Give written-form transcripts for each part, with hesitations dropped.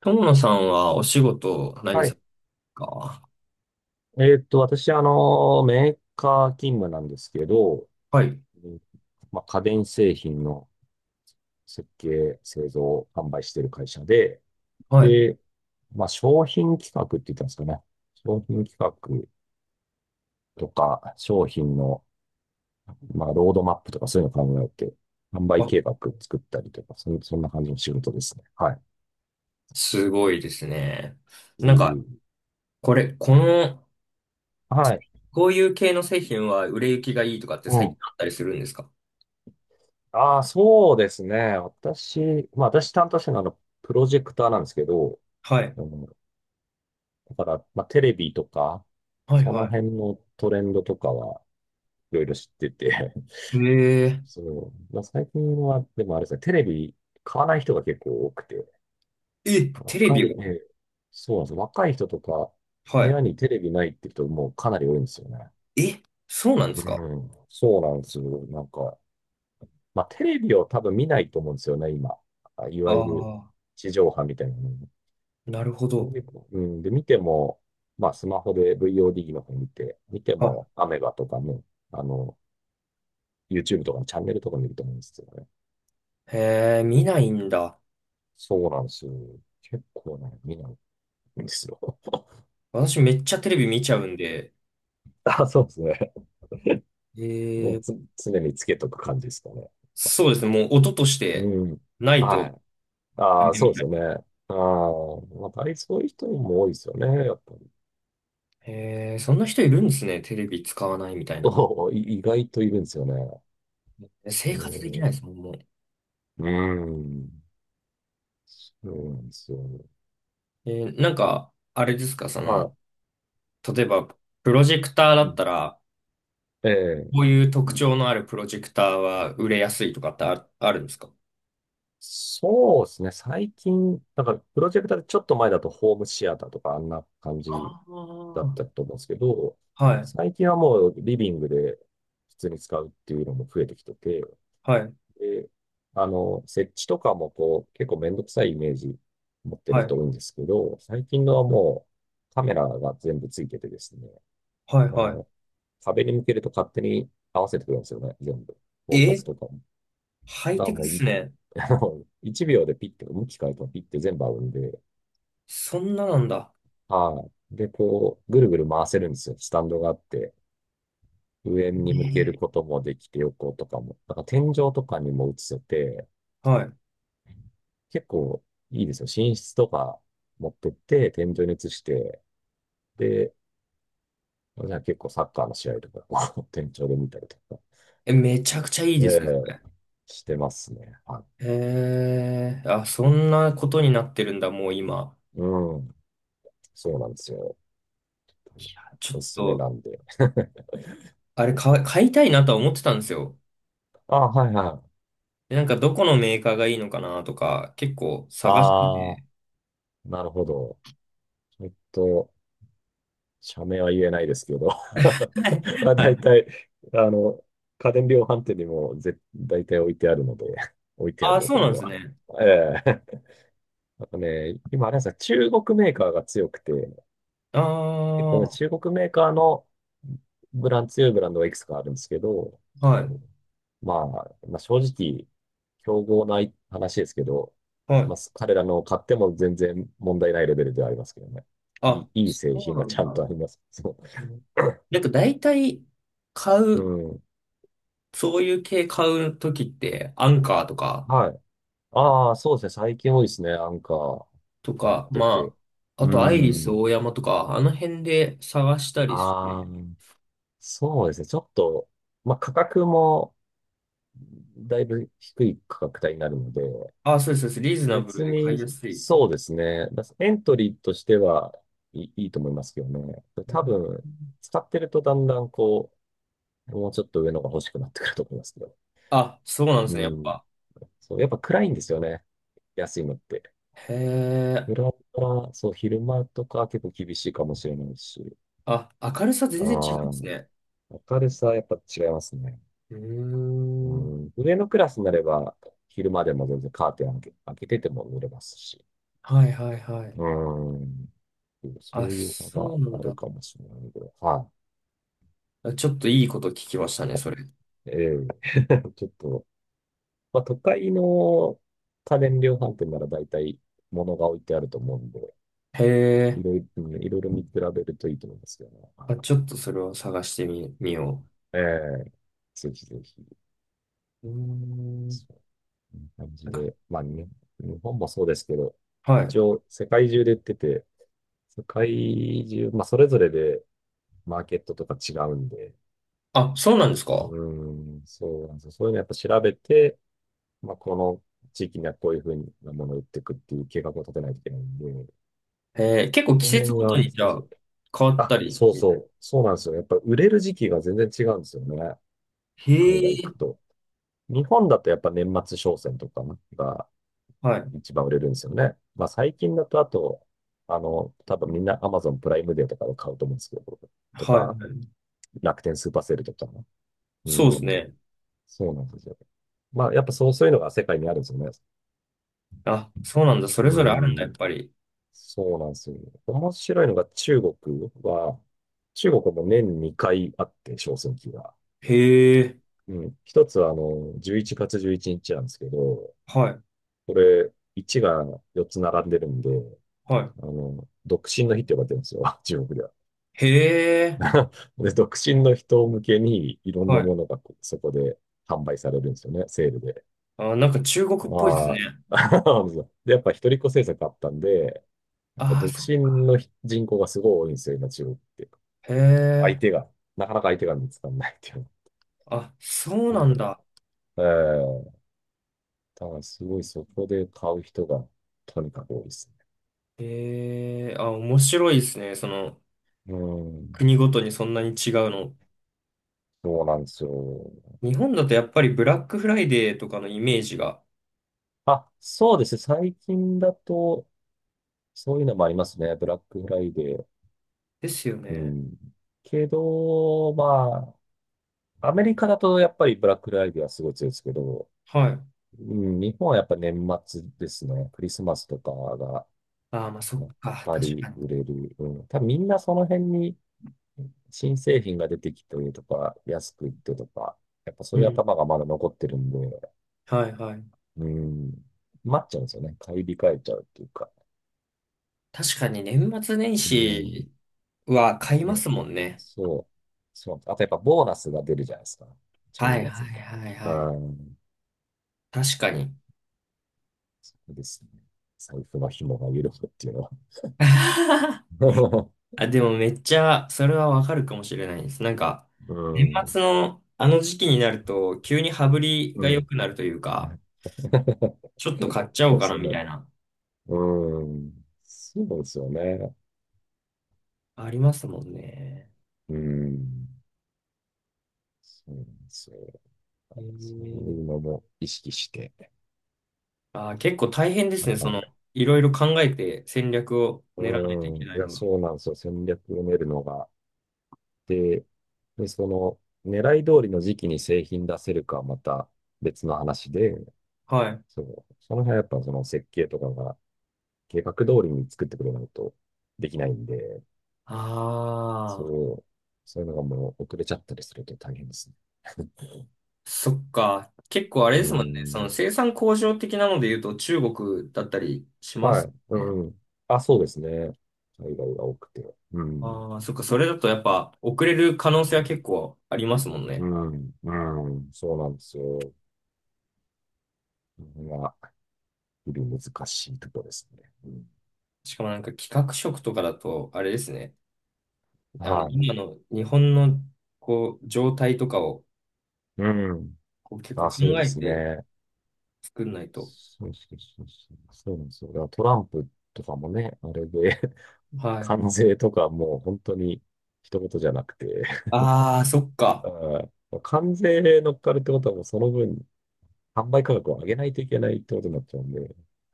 友野さんはお仕事何はさい。れますか？私、メーカー勤務なんですけど、はい。うん、まあ、家電製品の設計、製造、販売している会社で、はい。で、まあ、商品企画って言ったんですかね。商品企画とか、商品の、まあ、ロードマップとかそういうの考えて、販売あ、計画作ったりとか、そんな感じの仕事ですね。はい。すごいですね。うなんか、ん。これ、この、はい。こういう系の製品は売れ行きがいいとかってう最近ん。あったりするんですか？ああ、そうですね。私、まあ、私担当してるのは、プロジェクターなんですけど、はい。あのだから、まあ、テレビとか、はい、そのは辺のトレンドとかはいろいろ知ってて、い。へえそう、まあ、最近は、でもあれですね、テレビ買わない人が結構多くて、ー。え、テレビえを？え、そうなんですよ。若い人とか、部は屋にテレビないって人もかなり多いんですよね。い。え、そうなんでうすか？ん、そうなんですよ。なんか、まあ、テレビを多分見ないと思うんですよね、今。あ、いあわゆるあ地上波みたいなの。ー、なるほど。うん、で、見ても、まあ、スマホで VOD の方見てあ、も、アメガとかね、あの、YouTube とかのチャンネルとか見ると思うんですよね。へえ、見ないんだ。そうなんですよ。結構ね、見ないんですよ。私めっちゃテレビ見ちゃうんで、あ、そうですね。もえうつ、え、常につけとく感じですかね。そうですね。もう音としうてん。ないとはい。ダああ、メそうみでたすいよね。な。ああ、まあ、大体そういう人も多いですよね、やっぱり。えー、そんな人いるんですね。テレビ使わないみたいな。そうい、意外といるんですよね。生う活できん。ないですもん、もう。うん。そうなんですよ。えー、あれですか、は例えば、プロジェクタい。ーだうっん。たら、えこえ、ういう特徴のあるプロジェクターは売れやすいとかってあるんですか？そうですね。最近、なんか、プロジェクターでちょっと前だとホームシアターとかあんな感じああだっー、たと思うんですけど、はい、最近はもうリビングで普通に使うっていうのも増えてきてて、はい、で、設置とかもこう、結構めんどくさいイメージ持ってはるい、人多いんですけど、最近のはもうカメラが全部ついててですね、はい、あはの、壁に向けると勝手に合わせてくれるんですよね、全部。い。フォーカえ、スとかも。ハイがテクもっうすい、ね。1秒でピッて、向き変えてもピッて全部合うんで、そんななんだ。はい。で、こう、ぐるぐる回せるんですよ。スタンドがあって、上に向けえるこー、ともできて、横とかも。だから天井とかにも映せて、はい。結構いいですよ。寝室とか持ってって、天井に映して、で、じゃあ結構サッカーの試合とか、こう天井で見たりとか、え、めちゃくちゃいいえですね。えしてますね。はえー、あ、そんなことになってるんだ、もう今。い。うん。そうなんですよ。ちょおっすすめと、なんで。あれ買い、買いたいなとは思ってたんですよ。あ、はいはい。で、なんかどこのメーカーがいいのかなとか、結構探してあ、て。なるほど。ちょっと、社名は言えないですけど。まあ、は大い。体、あの、家電量販店にも絶大体置いてあるので、置いてああるあ、とそこうろなんにですは。ね。ええ。 あとね、今、あれなんですか、中国メーカーが強くて、あ結構あ、ね、はい、中国メーカーのブラン、強いブランドがいくつかあるんですけど、まあ、まあ、正直、競合ない話ですけど、はまい。あ、彼らのを買っても全然問題ないレベルではありますけどね。いあ、い、いいそ製う品がなちんゃんだ。とあります。そうん、なんか大体買う。う、うん。そういう系買うときって、アンカーとか、はい。ああ、そうですね。最近多いですね。アンカーと持っか、てて。まあ、あうとアイリスオん。ーヤマとか、あの辺で探したりしああ、て。そうですね。ちょっと、まあ、価格もだいぶ低い価格帯になるので、ああ、そうです、そうです。リーズナブル別で買に、いやすい。そうですね。だエントリーとしてはいい、いいと思いますけどね。う多ん。分、使ってるとだんだんこう、もうちょっと上のが欲しくなってくると思いますけど。あ、そうなんでうすね、やっん。ぱ。そう、やっぱ暗いんですよね。安いのって。へえ。裏から、そう、昼間とか結構厳しいかもしれないし。あ、明るさあ全あ、然違うんですね。明るさはやっぱ違いますね。うーうん。ん。上のクラスになれば、昼間でも全然カーテン開けてても濡れますし。はいはいはい。うん。そうあ、いう差そがうなあんるだ。かもしれないけど、はあ、ちょっといいこと聞きましたね、それ。い。ええ。 ちょっと、まあ、都会の家電量販店なら大体物が置いてあると思うんで、へいえ。ろいろ、うん、いろいろ見比べるといいと思いますけどね。はい。あ、ちょっとそれを探してみ、みよええ、ぜひぜひ、う。うーそん。うこんな感じなんか、で、まあ、ね、日本もそうですけど、はい。一応世界中で売ってて、世界中、まあ、それぞれでマーケットとか違うんで、あ、そうなんですうか？ーん、そうなんですよ。そういうのやっぱ調べて、まあ、この地域にはこういうふうなものを売っていくっていう計画を立てないといけないんで、へえ、結構季この節辺ごがと難にじゃしあい。変わったあ、り。そうそう。そうなんですよ。やっぱ売れる時期が全然違うんですよね。へ海外行え。くと。日本だとやっぱ年末商戦とかがはい。一番売れるんですよね。まあ最近だとあと、多分みんな Amazon プライムデーとかで買うと思うんですけど、とはか、い。楽天スーパーセールとか。うそうですん。ね。そうなんですよ。まあやっぱそう、そういうのが世界にあるんですよね。あ、そうなんだ。それぞれあるうんだ、やっん。ぱり。そうなんですよ。面白いのが中国は、中国も年2回あって、小選挙が。へえ。うん。一つは、11月11日なんですけど、はい。これ、1が4つ並んでるんで、は独身の日って呼ばれてるんですよ、中国では。い。へえ。で、独身の人向けに、いろんはなもい。のがこそこで販売されるんですよね、セールで。あ、なんか中国っぽいですね。まあ、そうなんですよ、でやっぱ一人っ子政策あったんで、やっぱああ、独そっ身か。の人人口がすごい多いんですよ、今中国って。へ相え。手が、なかなか相手が見つからないっていうあ、そうの。なんだ。うん。ええ、だからすごいそこで買う人がとにかく多いですね。へえ。あ、面白いですね。その、うん。国ごとにそんなに違うの。そうなんですよ。日本だとやっぱりブラックフライデーとかのイメージが。あ、そうですね。最近だと、そういうのもありますね。ブラックフライデー。ですようね。ん。けど、まあ、アメリカだとやっぱりブラックフライデーはすごい強いですけど、はい。うん、日本はやっぱ年末ですね。クリスマスとかが、ああ、まあそやっっか。ぱ確りかに。売れる。うん。多分みんなその辺に新製品が出てきてとか、安くいってとか、やっぱそうういうん。頭がまだ残ってるんで、はいはい。うん、待っちゃうんですよね。買い控えちゃうっていうか。確かに年末年うん、始は買いまね、すもんね。そう。そう。あとやっぱボーナスが出るじゃないですか。12はい月はいにはいはい。がつに。う、確かに。うですね。財布の紐が緩むっていうのは。あ、でもめっちゃ、それはわかるかもしれないです。なんか、う年ん、末のあの時期になると、急に羽振りがう良ん。くなるというか、ちょっと買っちゃおそううでかすなよみたね。いな、うん。そうですよね。ありますもんね。うん。そうなんですよ。えそうー、いうのも意識してあー、結構大変です頑ね。そ張の、る。いろいろ考えて戦略をう練らないといーん、けないいや、のが。そうなんですよ。戦略を練るのが。で、で、その、狙い通りの時期に製品出せるかはまた別の話で、はい。そう、その辺はやっぱその設計とかが計画通りに作ってくれないとできないんで、ああ、そう、そういうのがもう遅れちゃったりすると大変ですね。そっか。結構あれうですーもんね。そのん、生産工場的なので言うと中国だったりしまはすい、ね。うん。あ、そうですね。海外が多くて。うん。ああ、そっか、それだとやっぱ遅れる可能性は結構ありますもんうね。ん、うん、そうなんですよ。まあ、日々難しいところですね。うん、しかもなんか企画職とかだと、あれですね。あの、は今の日本のこう、状態とかをい。うん。こう結構あ、考そうでえすてね。作んないと。そうそうそうそう。そうなんですよ。だからトランプとかもね、あれで、はい。関税とかもう本当に一言じゃなくて、ああ、そっ あか。ー関税乗っかるってことはもうその分、販売価格を上げないといけないってことになっちゃうんで、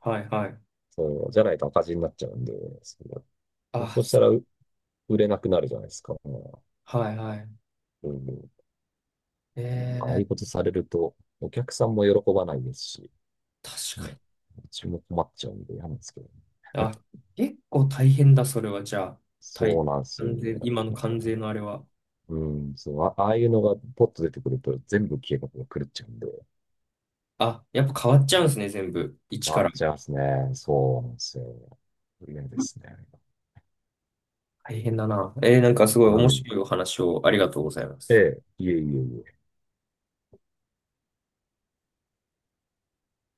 はいはい。そう、じゃないと赤字になっちゃうんで、そう、ああ、そうしたそ、ら売れなくなるじゃないですか。うはいはい。ん、えなんかああいうこえ、とされると、お客さんも喜ばないですし、確かね、に。うちも困っちゃうんで嫌なんですけど。あ、結構大変だ、それは。じゃあ、大そうなんですよ関税、ね。今の関税のあれは。うん、そう、あ、ああいうのがポッと出てくると全部計画が狂っちゃうんで、うあ、やっぱ変わっちゃん、うんですね、全部。一回かっら。ちゃいますね。そうなんですよ。嫌ですね。大変だな。えー、なんかすごいう面ん。白いお話をありがとうございまえす。え、いえいえいえ。